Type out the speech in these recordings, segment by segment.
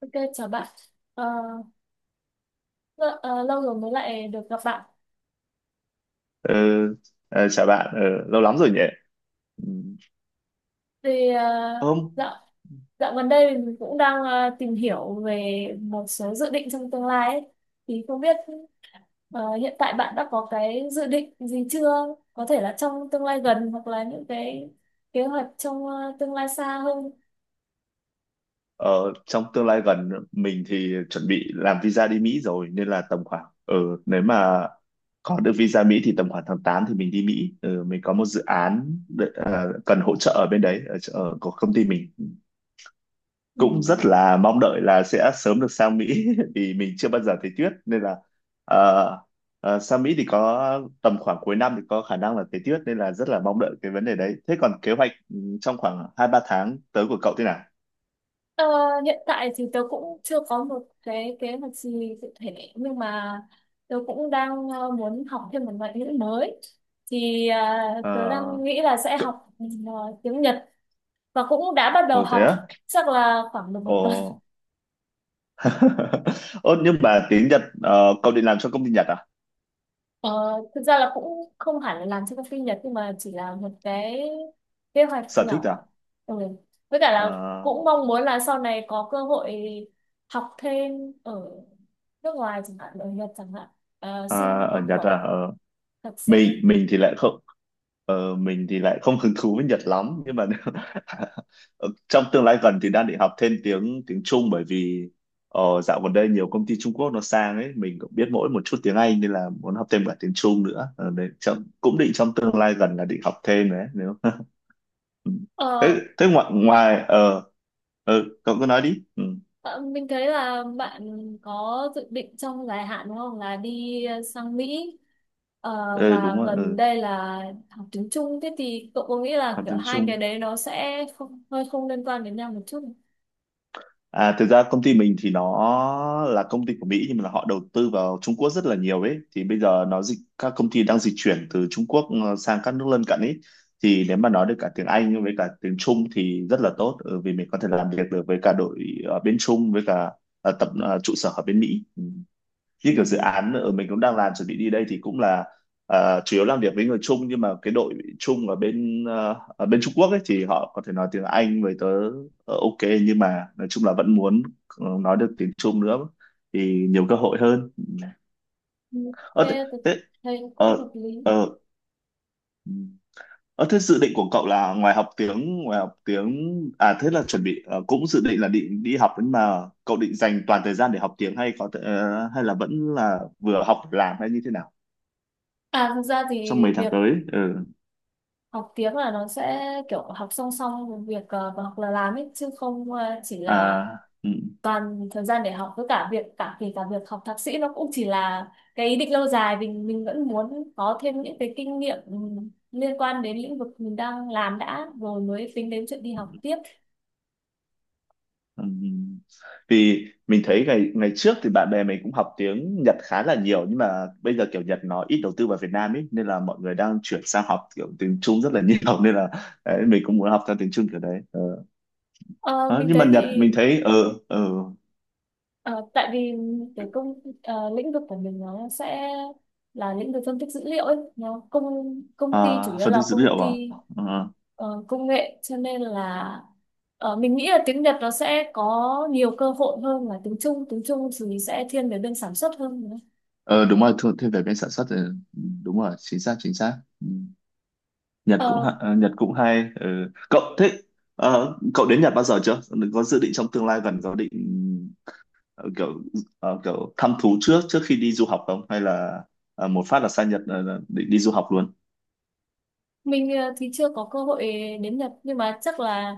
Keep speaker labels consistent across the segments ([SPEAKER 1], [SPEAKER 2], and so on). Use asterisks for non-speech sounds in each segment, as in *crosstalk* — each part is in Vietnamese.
[SPEAKER 1] Ok, chào bạn. Ờ, lâu rồi mới lại được gặp bạn.
[SPEAKER 2] Ờ, chào bạn, lâu lắm rồi nhỉ? Ừm,
[SPEAKER 1] Thì ờ,
[SPEAKER 2] Không,
[SPEAKER 1] dạo dạo gần đây mình cũng đang tìm hiểu về một số dự định trong tương lai ấy. Thì không biết hiện tại bạn đã có cái dự định gì chưa? Có thể là trong tương lai gần hoặc là những cái kế hoạch trong tương lai xa hơn.
[SPEAKER 2] ờ, trong tương lai gần mình thì chuẩn bị làm visa đi Mỹ rồi nên là tầm khoảng nếu mà có được visa Mỹ thì tầm khoảng tháng 8 thì mình đi Mỹ. Ờ, mình có một dự án cần hỗ trợ ở bên đấy ở của công ty mình.
[SPEAKER 1] Ừ.
[SPEAKER 2] Cũng rất là mong đợi là sẽ sớm được sang Mỹ *laughs* vì mình chưa bao giờ thấy tuyết nên là ờ, sang Mỹ thì có tầm khoảng cuối năm thì có khả năng là thấy tuyết nên là rất là mong đợi cái vấn đề đấy. Thế còn kế hoạch trong khoảng hai ba tháng tới của cậu thế nào?
[SPEAKER 1] Ờ, Hiện tại thì tớ cũng chưa có một cái kế hoạch gì cụ thể nhưng mà tớ cũng đang muốn học thêm một ngoại ngữ mới thì tớ
[SPEAKER 2] Ờ,
[SPEAKER 1] đang nghĩ là sẽ
[SPEAKER 2] cậu-
[SPEAKER 1] học tiếng Nhật và cũng đã bắt đầu
[SPEAKER 2] Ồ thế
[SPEAKER 1] học
[SPEAKER 2] á?
[SPEAKER 1] chắc là khoảng được một tuần.
[SPEAKER 2] Ồ. *laughs* Ồ nhưng mà tiếng Nhật cậu định làm cho công ty Nhật à?
[SPEAKER 1] Ờ, thực ra là cũng không hẳn là làm cho công ty Nhật nhưng mà chỉ là một cái kế hoạch
[SPEAKER 2] Sở thích à?
[SPEAKER 1] nhỏ. Ừ. Với cả là
[SPEAKER 2] Ờ,
[SPEAKER 1] cũng mong muốn là sau này có cơ hội học thêm ở nước ngoài, chẳng hạn ở Nhật chẳng hạn. Ờ, xin
[SPEAKER 2] ở
[SPEAKER 1] học
[SPEAKER 2] Nhật à?
[SPEAKER 1] bổng
[SPEAKER 2] Ờ.
[SPEAKER 1] thạc
[SPEAKER 2] Mình
[SPEAKER 1] sĩ.
[SPEAKER 2] mình thì lại không mình thì lại không hứng thú với Nhật lắm nhưng mà *laughs* ờ, trong tương lai gần thì đang định học thêm tiếng tiếng Trung bởi vì dạo gần đây nhiều công ty Trung Quốc nó sang ấy mình cũng biết mỗi một chút tiếng Anh nên là muốn học thêm cả tiếng Trung nữa. Ờ, đấy, cũng định trong tương lai gần là định học thêm đấy nếu *laughs* Ừ. thế
[SPEAKER 1] Ờ,
[SPEAKER 2] thế ngoài ngoài ờ ờ, cậu cứ nói đi
[SPEAKER 1] ờ, mình thấy là bạn có dự định trong dài hạn đúng không, là đi sang Mỹ. Ờ,
[SPEAKER 2] Ờ, đúng
[SPEAKER 1] và
[SPEAKER 2] rồi
[SPEAKER 1] gần đây là học tiếng Trung, thế thì cậu có nghĩ là
[SPEAKER 2] học
[SPEAKER 1] kiểu
[SPEAKER 2] tiếng
[SPEAKER 1] hai cái
[SPEAKER 2] Trung.
[SPEAKER 1] đấy nó sẽ không, hơi không liên quan đến nhau một chút không?
[SPEAKER 2] À, thực ra công ty mình thì nó là công ty của Mỹ nhưng mà họ đầu tư vào Trung Quốc rất là nhiều ấy, thì bây giờ nó dịch các công ty đang dịch chuyển từ Trung Quốc sang các nước lân cận ấy, thì nếu mà nói được cả tiếng Anh với cả tiếng Trung thì rất là tốt vì mình có thể làm việc được với cả đội ở bên Trung với cả trụ sở ở bên Mỹ. Như
[SPEAKER 1] Ừ.
[SPEAKER 2] kiểu dự án ở mình cũng đang làm chuẩn bị đi đây thì cũng là chủ yếu làm việc với người Trung, nhưng mà cái đội Trung ở bên Trung Quốc ấy thì họ có thể nói tiếng Anh với tớ ok, nhưng mà nói chung là vẫn muốn nói được tiếng Trung nữa thì nhiều cơ hội hơn.
[SPEAKER 1] Ừ,
[SPEAKER 2] Ờ
[SPEAKER 1] thế
[SPEAKER 2] thế
[SPEAKER 1] tôi
[SPEAKER 2] thế
[SPEAKER 1] thấy cũng hợp
[SPEAKER 2] ờ
[SPEAKER 1] lý.
[SPEAKER 2] ờ ờ, thế dự định của cậu là ngoài học tiếng à thế là chuẩn bị cũng dự định là định đi học nhưng mà cậu định dành toàn thời gian để học tiếng hay có thể, hay là vẫn là vừa học vừa làm hay như thế nào,
[SPEAKER 1] À, thực ra
[SPEAKER 2] trong
[SPEAKER 1] thì
[SPEAKER 2] mấy tháng
[SPEAKER 1] việc
[SPEAKER 2] tới
[SPEAKER 1] học tiếng là nó sẽ kiểu học song song với việc học là làm ấy, chứ không chỉ
[SPEAKER 2] à
[SPEAKER 1] là
[SPEAKER 2] ừ.
[SPEAKER 1] toàn thời gian để học. Với cả việc cả kể cả việc học thạc sĩ nó cũng chỉ là cái ý định lâu dài, mình vẫn muốn có thêm những cái kinh nghiệm liên quan đến lĩnh vực mình đang làm đã rồi mới tính đến chuyện đi học tiếp.
[SPEAKER 2] Ừ. Vì mình thấy ngày ngày trước thì bạn bè mình cũng học tiếng Nhật khá là nhiều, nhưng mà bây giờ kiểu Nhật nó ít đầu tư vào Việt Nam ấy nên là mọi người đang chuyển sang học kiểu tiếng Trung rất là *laughs* nhiều, nên là đấy, mình cũng muốn học theo tiếng Trung kiểu đấy
[SPEAKER 1] Ờ,
[SPEAKER 2] Ờ,
[SPEAKER 1] mình
[SPEAKER 2] nhưng mà
[SPEAKER 1] thấy thì
[SPEAKER 2] Nhật mình thấy ở ừ,
[SPEAKER 1] ờ, tại vì lĩnh vực của mình nó sẽ là lĩnh vực phân tích dữ liệu ấy, nó công công ty
[SPEAKER 2] ở
[SPEAKER 1] chủ
[SPEAKER 2] à,
[SPEAKER 1] yếu
[SPEAKER 2] phân tích
[SPEAKER 1] là
[SPEAKER 2] dữ
[SPEAKER 1] công
[SPEAKER 2] liệu à
[SPEAKER 1] ty
[SPEAKER 2] ờ
[SPEAKER 1] công nghệ, cho nên là mình nghĩ là tiếng Nhật nó sẽ có nhiều cơ hội hơn là tiếng Trung. Tiếng Trung thì sẽ thiên về bên sản xuất hơn nữa.
[SPEAKER 2] Ờ, đúng rồi thêm về bên sản xuất thì đúng rồi, chính xác chính xác. Ừ.
[SPEAKER 1] Ờ,
[SPEAKER 2] Nhật cũng hay Cậu đến Nhật bao giờ chưa, có dự định trong tương lai gần có định ờ, kiểu kiểu thăm thú trước trước khi đi du học không, hay là một phát là sang Nhật định đi du học luôn?
[SPEAKER 1] thì chưa có cơ hội đến Nhật nhưng mà chắc là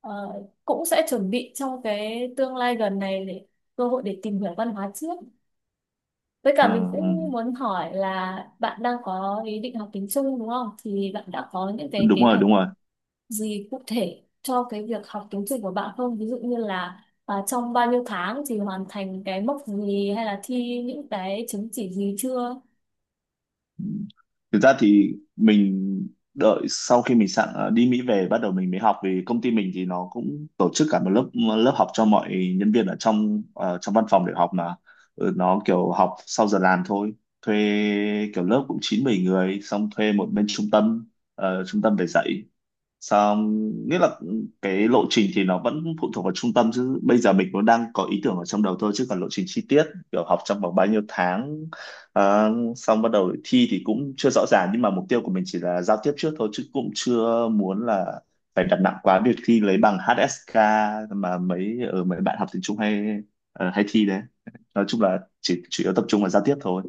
[SPEAKER 1] ờ, cũng sẽ chuẩn bị trong cái tương lai gần này để cơ hội để tìm hiểu văn hóa trước. Với
[SPEAKER 2] Ờ,
[SPEAKER 1] cả mình
[SPEAKER 2] ừ.
[SPEAKER 1] cũng muốn hỏi là bạn đang có ý định học tiếng Trung đúng không? Thì bạn đã có những cái
[SPEAKER 2] Đúng
[SPEAKER 1] kế
[SPEAKER 2] rồi
[SPEAKER 1] hoạch
[SPEAKER 2] đúng rồi,
[SPEAKER 1] gì cụ thể cho cái việc học tiến trình của bạn không? Ví dụ như là trong bao nhiêu tháng thì hoàn thành cái mốc gì, hay là thi những cái chứng chỉ gì chưa?
[SPEAKER 2] thực ra thì mình đợi sau khi mình sẵn đi Mỹ về bắt đầu mình mới học, vì công ty mình thì nó cũng tổ chức cả một lớp lớp học cho mọi nhân viên trong văn phòng để học mà. Ừ, nó kiểu học sau giờ làm thôi, thuê kiểu lớp cũng chín 10 người xong thuê một bên trung tâm trung tâm về dạy. Xong nghĩa là cái lộ trình thì nó vẫn phụ thuộc vào trung tâm, chứ bây giờ mình cũng đang có ý tưởng ở trong đầu thôi, chứ còn lộ trình chi tiết kiểu học trong vòng bao nhiêu tháng xong bắt đầu thi thì cũng chưa rõ ràng, nhưng mà mục tiêu của mình chỉ là giao tiếp trước thôi, chứ cũng chưa muốn là phải đặt nặng quá việc thi lấy bằng HSK mà mấy bạn học tiếng Trung hay thi đấy, nói chung là chỉ chủ yếu tập trung vào giao tiếp thôi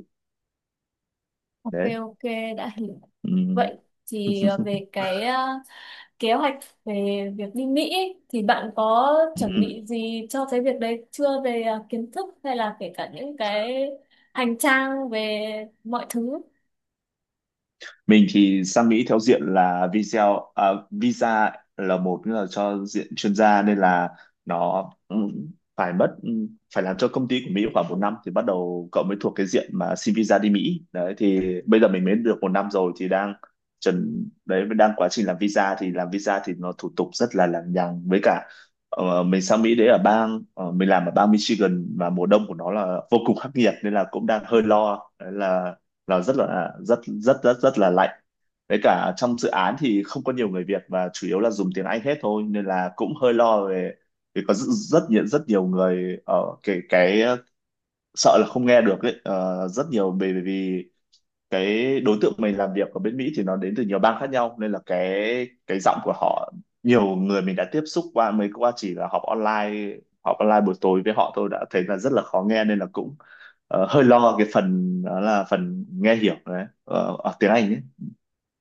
[SPEAKER 1] Ok,
[SPEAKER 2] đấy
[SPEAKER 1] ok, đã hiểu.
[SPEAKER 2] ừ.
[SPEAKER 1] Vậy thì kế hoạch về việc đi Mỹ ấy, thì bạn có chuẩn bị
[SPEAKER 2] *laughs*
[SPEAKER 1] gì cho cái việc đấy chưa, về kiến thức hay là kể cả những cái hành trang về mọi thứ?
[SPEAKER 2] Mình thì sang Mỹ theo diện là visa à, visa là một nữa là cho diện chuyên gia nên là nó phải mất phải làm cho công ty của Mỹ khoảng một năm thì bắt đầu cậu mới thuộc cái diện mà xin visa đi Mỹ đấy, thì bây giờ mình mới được một năm rồi thì đang chuẩn đấy, đang quá trình làm visa thì nó thủ tục rất là lằng nhằng. Với cả mình sang Mỹ đấy mình làm ở bang Michigan và mùa đông của nó là vô cùng khắc nghiệt nên là cũng đang hơi lo đấy là rất là rất rất rất rất là lạnh. Với cả trong dự án thì không có nhiều người Việt và chủ yếu là dùng tiếng Anh hết thôi nên là cũng hơi lo về, vì có rất rất nhiều người ở cái sợ là không nghe được ấy rất nhiều, bởi vì cái đối tượng mình làm việc ở bên Mỹ thì nó đến từ nhiều bang khác nhau nên là cái giọng của họ nhiều người mình đã tiếp xúc qua mới qua chỉ là họp online buổi tối với họ tôi đã thấy là rất là khó nghe nên là cũng hơi lo cái phần đó là phần nghe hiểu đấy ở tiếng Anh ấy.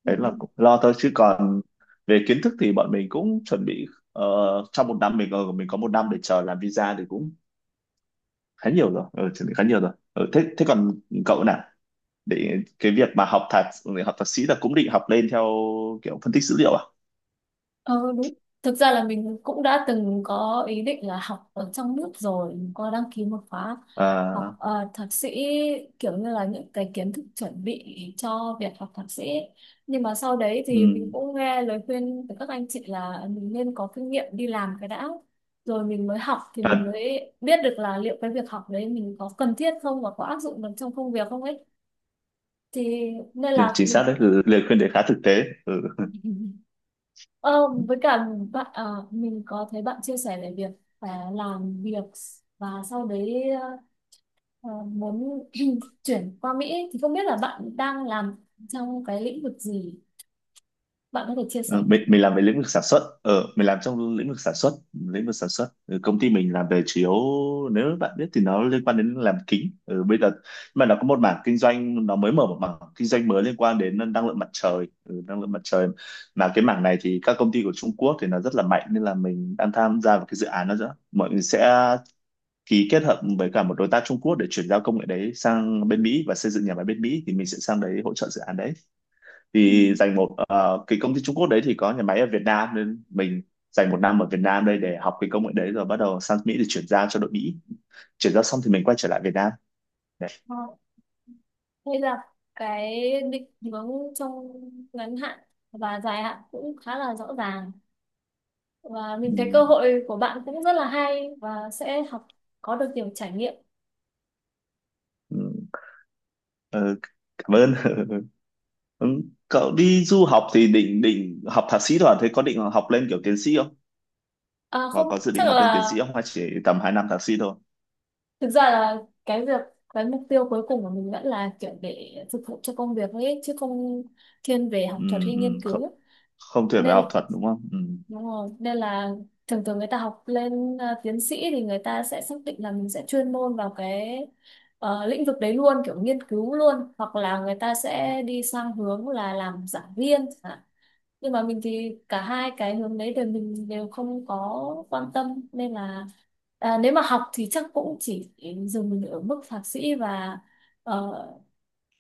[SPEAKER 1] Ừ.
[SPEAKER 2] Đấy là cũng lo thôi, chứ còn về kiến thức thì bọn mình cũng chuẩn bị ờ, trong một năm mình có một năm để chờ làm visa thì cũng khá nhiều rồi chuẩn bị khá nhiều rồi thế thế còn cậu nào, để cái việc mà học thạc sĩ là cũng định học lên theo kiểu phân tích dữ liệu à,
[SPEAKER 1] Ờ đúng. Thực ra là mình cũng đã từng có ý định là học ở trong nước rồi, mình có đăng ký một khóa học
[SPEAKER 2] à
[SPEAKER 1] thạc sĩ, kiểu như là những cái kiến thức chuẩn bị cho việc học thạc sĩ. Nhưng mà sau đấy thì mình
[SPEAKER 2] ừ,
[SPEAKER 1] cũng nghe lời khuyên từ các anh chị là mình nên có kinh nghiệm đi làm cái đã. Rồi mình mới học thì mình mới biết được là liệu cái việc học đấy mình có cần thiết không và có áp dụng được trong công việc không ấy. Thì nên là
[SPEAKER 2] chính xác
[SPEAKER 1] mình
[SPEAKER 2] đấy ừ, lời khuyên đấy khá thực tế ừ.
[SPEAKER 1] *laughs* ờ, với cả mình có thấy bạn chia sẻ về việc phải làm việc và sau đấy ờ, muốn *clears throat* chuyển qua Mỹ ấy, thì không biết là bạn đang làm trong cái lĩnh vực gì, bạn có thể chia
[SPEAKER 2] Ừ,
[SPEAKER 1] sẻ
[SPEAKER 2] mình,
[SPEAKER 1] không?
[SPEAKER 2] mình làm về lĩnh vực sản xuất mình làm trong lĩnh vực sản xuất công ty mình làm về chủ yếu nếu bạn biết thì nó liên quan đến làm kính bây giờ mà nó có một mảng kinh doanh, nó mới mở một mảng kinh doanh mới liên quan đến năng lượng mặt trời năng lượng mặt trời mà cái mảng này thì các công ty của Trung Quốc thì nó rất là mạnh nên là mình đang tham gia vào cái dự án đó nữa. Mọi người sẽ ký kết hợp với cả một đối tác Trung Quốc để chuyển giao công nghệ đấy sang bên Mỹ và xây dựng nhà máy bên Mỹ, thì mình sẽ sang đấy hỗ trợ dự án đấy.
[SPEAKER 1] Ừ.
[SPEAKER 2] Thì dành một ờ, cái công ty Trung Quốc đấy thì có nhà máy ở Việt Nam, nên mình dành một năm ở Việt Nam đây để học cái công nghệ đấy rồi bắt đầu sang Mỹ để chuyển giao cho đội Mỹ. Chuyển giao xong thì mình quay trở lại Việt Nam. Đấy.
[SPEAKER 1] Ờ, hay là cái định hướng trong ngắn hạn và dài hạn cũng khá là rõ ràng, và mình thấy
[SPEAKER 2] Ừ,
[SPEAKER 1] cơ hội của bạn cũng rất là hay và sẽ học có được nhiều trải nghiệm.
[SPEAKER 2] ừ, ờ, cảm ơn. *laughs* Ừ, cậu đi du học thì định định học thạc sĩ rồi thế có định học lên kiểu tiến sĩ không?
[SPEAKER 1] À,
[SPEAKER 2] Có
[SPEAKER 1] không
[SPEAKER 2] có dự
[SPEAKER 1] chắc
[SPEAKER 2] định học lên tiến
[SPEAKER 1] là
[SPEAKER 2] sĩ không hay chỉ tầm 2 năm thạc sĩ thôi?
[SPEAKER 1] thực ra là cái việc cái mục tiêu cuối cùng của mình vẫn là kiểu để phục vụ cho công việc thôi ấy, chứ không thiên về
[SPEAKER 2] Ừ,
[SPEAKER 1] học thuật hay
[SPEAKER 2] ừ,
[SPEAKER 1] nghiên cứu
[SPEAKER 2] không tuyển về
[SPEAKER 1] nên.
[SPEAKER 2] học thuật đúng không
[SPEAKER 1] Đúng rồi, nên là thường thường người ta học lên tiến sĩ thì người ta sẽ xác định là mình sẽ chuyên môn vào cái lĩnh vực đấy luôn, kiểu nghiên cứu luôn, hoặc là người ta sẽ đi sang hướng là làm giảng viên chẳng hạn. Nhưng mà mình thì cả hai cái hướng đấy đều mình đều không có quan tâm, nên là nếu mà học thì chắc cũng chỉ dừng ở mức thạc sĩ và ờ,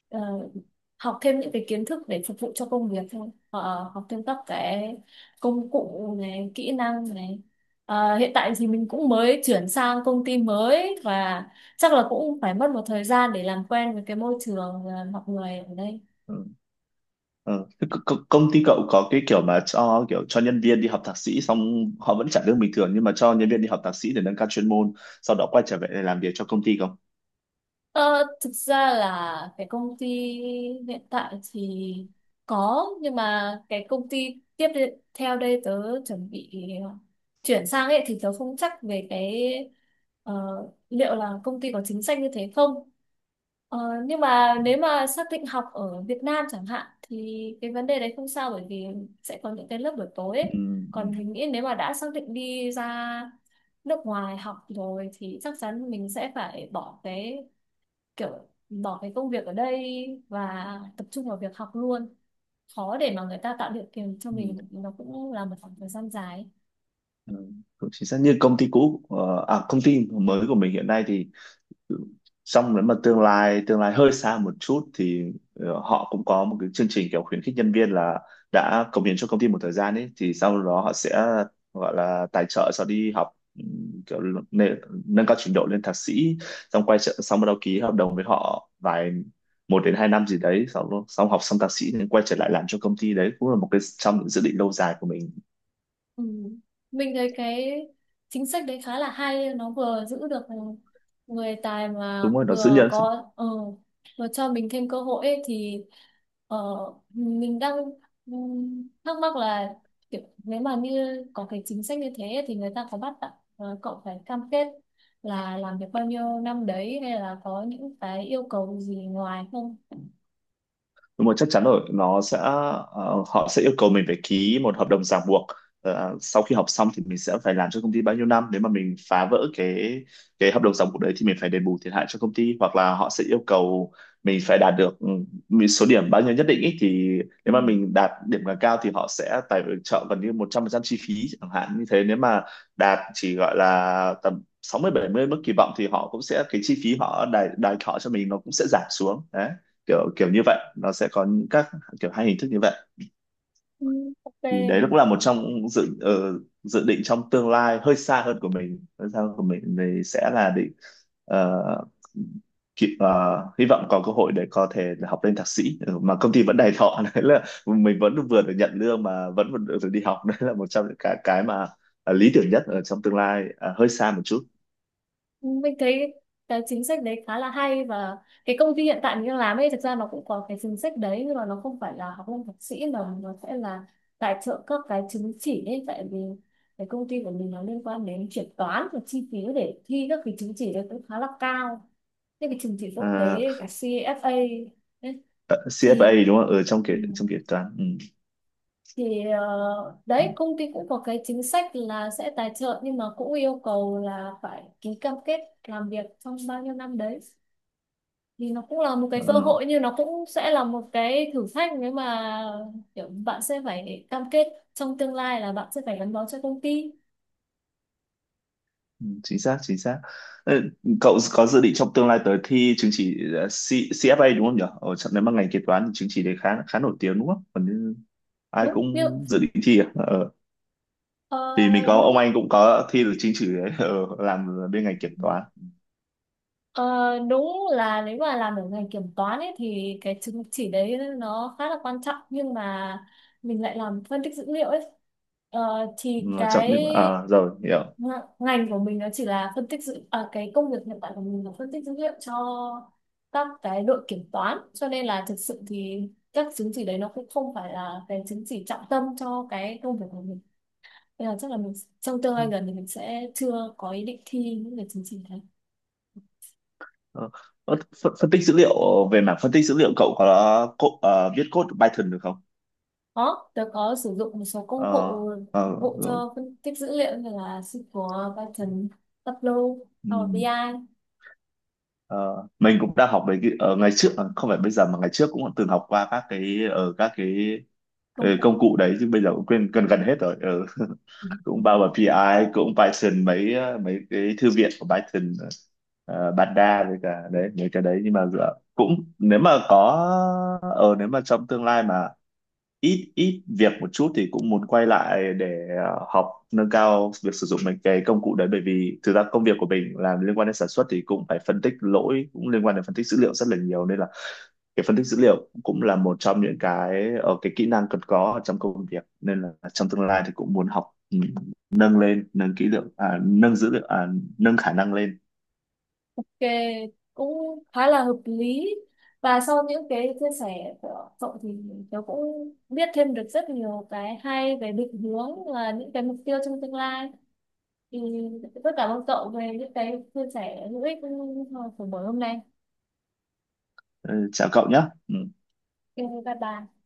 [SPEAKER 1] ờ, học thêm những cái kiến thức để phục vụ cho công việc thôi. Ờ, học thêm các cái công cụ này, kỹ năng này. À, hiện tại thì mình cũng mới chuyển sang công ty mới và chắc là cũng phải mất một thời gian để làm quen với cái môi trường, mọi người ở đây.
[SPEAKER 2] Ừ. Ừ. Thế công ty cậu có cái kiểu mà cho kiểu cho nhân viên đi học thạc sĩ xong họ vẫn trả lương bình thường nhưng mà cho nhân viên đi học thạc sĩ để nâng cao chuyên môn sau đó quay trở về để làm việc cho công ty không
[SPEAKER 1] Ờ, thực ra là cái công ty hiện tại thì có, nhưng mà cái công ty theo đây tớ chuẩn bị à, chuyển sang ấy thì tớ không chắc về cái ờ, liệu là công ty có chính sách như thế không. Ờ, nhưng mà nếu mà xác định học ở Việt Nam chẳng hạn thì cái vấn đề đấy không sao, bởi vì sẽ có những cái lớp buổi tối
[SPEAKER 2] ừ.
[SPEAKER 1] ấy.
[SPEAKER 2] Ừ.
[SPEAKER 1] Còn mình nghĩ nếu mà đã xác định đi ra nước ngoài học rồi thì chắc chắn mình sẽ phải bỏ cái, kiểu bỏ cái công việc ở đây và tập trung vào việc học luôn, khó để mà người ta tạo điều kiện cho
[SPEAKER 2] Ừ.
[SPEAKER 1] mình, nó cũng là một khoảng thời gian dài ấy.
[SPEAKER 2] Ừ. Cũng chính xác như công ty cũ công ty mới của mình hiện nay thì xong nếu mà tương lai hơi xa một chút thì họ cũng có một cái chương trình kiểu khuyến khích nhân viên là đã cống hiến cho công ty một thời gian ấy thì sau đó họ sẽ gọi là tài trợ cho đi học, kiểu nâng, nâng cao trình độ lên thạc sĩ, xong quay trở xong bắt đầu ký hợp đồng với họ một đến 2 năm gì đấy, xong xong học xong thạc sĩ nên quay trở lại làm cho công ty. Đấy cũng là một cái trong những dự định lâu dài của mình.
[SPEAKER 1] Ừ. Mình thấy cái chính sách đấy khá là hay, nó vừa giữ được người tài mà
[SPEAKER 2] Đúng rồi, nó giữ
[SPEAKER 1] vừa
[SPEAKER 2] nhân.
[SPEAKER 1] có vừa cho mình thêm cơ hội ấy, thì ờ, mình đang thắc mắc là kiểu, nếu mà như có cái chính sách như thế ấy, thì người ta có bắt cậu phải cam kết là làm việc bao nhiêu năm đấy hay là có những cái yêu cầu gì ngoài không?
[SPEAKER 2] Đúng rồi, chắc chắn rồi, nó sẽ họ sẽ yêu cầu mình phải ký một hợp đồng ràng buộc. Ờ, sau khi học xong thì mình sẽ phải làm cho công ty bao nhiêu năm, nếu mà mình phá vỡ cái hợp đồng ràng buộc đấy thì mình phải đền bù thiệt hại cho công ty, hoặc là họ sẽ yêu cầu mình phải đạt được một số điểm bao nhiêu nhất định ý. Thì
[SPEAKER 1] Ừ.
[SPEAKER 2] nếu mà mình đạt điểm càng cao thì họ sẽ tài trợ gần như 100% chi phí, chẳng hạn như thế. Nếu mà đạt chỉ gọi là tầm 60 70 mức kỳ vọng thì họ cũng sẽ, cái chi phí họ đài đài thọ cho mình nó cũng sẽ giảm xuống. Đấy, kiểu kiểu như vậy, nó sẽ có những các kiểu hai hình thức như vậy.
[SPEAKER 1] Ừ, ok,
[SPEAKER 2] Thì đấy
[SPEAKER 1] mình
[SPEAKER 2] cũng là
[SPEAKER 1] thấy
[SPEAKER 2] một trong dự định trong tương lai hơi xa hơn của mình, thì sẽ là định ờ, kịp- ờ, hy vọng có cơ hội để có thể là học lên thạc sĩ. Ừ, mà công ty vẫn đầy thọ *laughs* đấy là mình vẫn vừa được nhận lương mà vẫn vẫn được đi học. *laughs* Đấy là một trong những cái mà lý tưởng nhất ở trong tương lai. À, hơi xa một chút.
[SPEAKER 1] mình thấy cái chính sách đấy khá là hay, và cái công ty hiện tại mình đang làm ấy thực ra nó cũng có cái chính sách đấy, nhưng mà nó không phải là học lên thạc sĩ mà nó sẽ là tài trợ các cái chứng chỉ ấy. Tại vì cái công ty của mình nó liên quan đến chuyển toán và chi phí để thi các cái chứng chỉ đấy cũng khá là cao, những cái chứng chỉ quốc
[SPEAKER 2] À,
[SPEAKER 1] tế cả CFA ấy,
[SPEAKER 2] CFA
[SPEAKER 1] thì
[SPEAKER 2] đúng không, ở
[SPEAKER 1] ừ,
[SPEAKER 2] trong kế toán? Ừ.
[SPEAKER 1] thì đấy, công ty cũng có cái chính sách là sẽ tài trợ nhưng mà cũng yêu cầu là phải ký cam kết làm việc trong bao nhiêu năm đấy, thì nó cũng là một cái cơ
[SPEAKER 2] Ờ.
[SPEAKER 1] hội nhưng nó cũng sẽ là một cái thử thách, nếu mà kiểu bạn sẽ phải cam kết trong tương lai là bạn sẽ phải gắn bó cho công ty.
[SPEAKER 2] Ừ, chính xác, chính xác. Ờ, cậu có dự định trong tương lai tới thi chứng chỉ CFA đúng không nhỉ? Ở trong, nếu mà ngành kế toán thì chứng chỉ đấy khá khá nổi tiếng đúng không, còn như ai
[SPEAKER 1] đúng như
[SPEAKER 2] cũng dự định thi à? Ờ,
[SPEAKER 1] ờ,
[SPEAKER 2] vì mình có ông
[SPEAKER 1] đúng
[SPEAKER 2] anh cũng có thi được chứng chỉ đấy, làm bên ngành kiểm toán.
[SPEAKER 1] ờ, đúng là nếu mà làm ở ngành kiểm toán ấy thì cái chứng chỉ đấy nó khá là quan trọng, nhưng mà mình lại làm phân tích dữ liệu ấy. Ờ,
[SPEAKER 2] Ừ,
[SPEAKER 1] thì
[SPEAKER 2] trong
[SPEAKER 1] cái
[SPEAKER 2] những à, rồi hiểu.
[SPEAKER 1] Ng- ngành của mình nó chỉ là phân tích dữ à, cái công việc hiện tại của mình là phân tích dữ liệu cho các cái đội kiểm toán, cho nên là thực sự thì các chứng chỉ đấy nó cũng không phải là cái chứng chỉ trọng tâm cho cái công việc của mình, nên là chắc là mình trong tương lai gần thì mình sẽ chưa có ý định thi những cái chứng chỉ đấy.
[SPEAKER 2] Ờ, ờ, phân tích dữ liệu. Ờ, về mảng phân tích dữ liệu cậu có viết code Python được không?
[SPEAKER 1] Có, tớ có sử dụng một số công
[SPEAKER 2] Ờ,
[SPEAKER 1] cụ phục
[SPEAKER 2] ờ,
[SPEAKER 1] vụ
[SPEAKER 2] rồi.
[SPEAKER 1] cho phân tích dữ liệu như là SQL, Python, Tableau, Power BI
[SPEAKER 2] Ừ.
[SPEAKER 1] ai,
[SPEAKER 2] Ờ, mình cũng đã học về cái ở ngày trước, à, không phải bây giờ mà ngày trước cũng từng học qua các cái ở
[SPEAKER 1] công
[SPEAKER 2] công cụ đấy, chứ bây giờ cũng quên gần gần hết rồi. Ừ. *laughs*
[SPEAKER 1] cụ.
[SPEAKER 2] Cũng bao gồm pê I cũng Python, mấy cái thư viện của Python, Panda với cả đấy mấy cái đấy. Nhưng mà dựa cũng, nếu mà có nếu mà trong tương lai mà ít ít việc một chút thì cũng muốn quay lại để học nâng cao việc sử dụng mấy cái công cụ đấy, bởi vì thực ra công việc của mình làm liên quan đến sản xuất thì cũng phải phân tích lỗi, cũng liên quan đến phân tích dữ liệu rất là nhiều, nên là cái phân tích dữ liệu cũng là một trong những cái kỹ năng cần có ở trong công việc, nên là trong tương lai thì cũng muốn học nâng lên, nâng kỹ lượng à, nâng dữ liệu à, nâng khả năng lên.
[SPEAKER 1] Ok, cũng khá là hợp lý, và sau những cái chia sẻ của cậu thì tớ cũng biết thêm được rất nhiều cái hay về định hướng và những cái mục tiêu trong tương lai, thì rất cảm ơn cậu về những cái chia sẻ hữu ích của buổi hôm nay.
[SPEAKER 2] Ừ, chào cậu nhé. Ừ.
[SPEAKER 1] Ok, bye bye.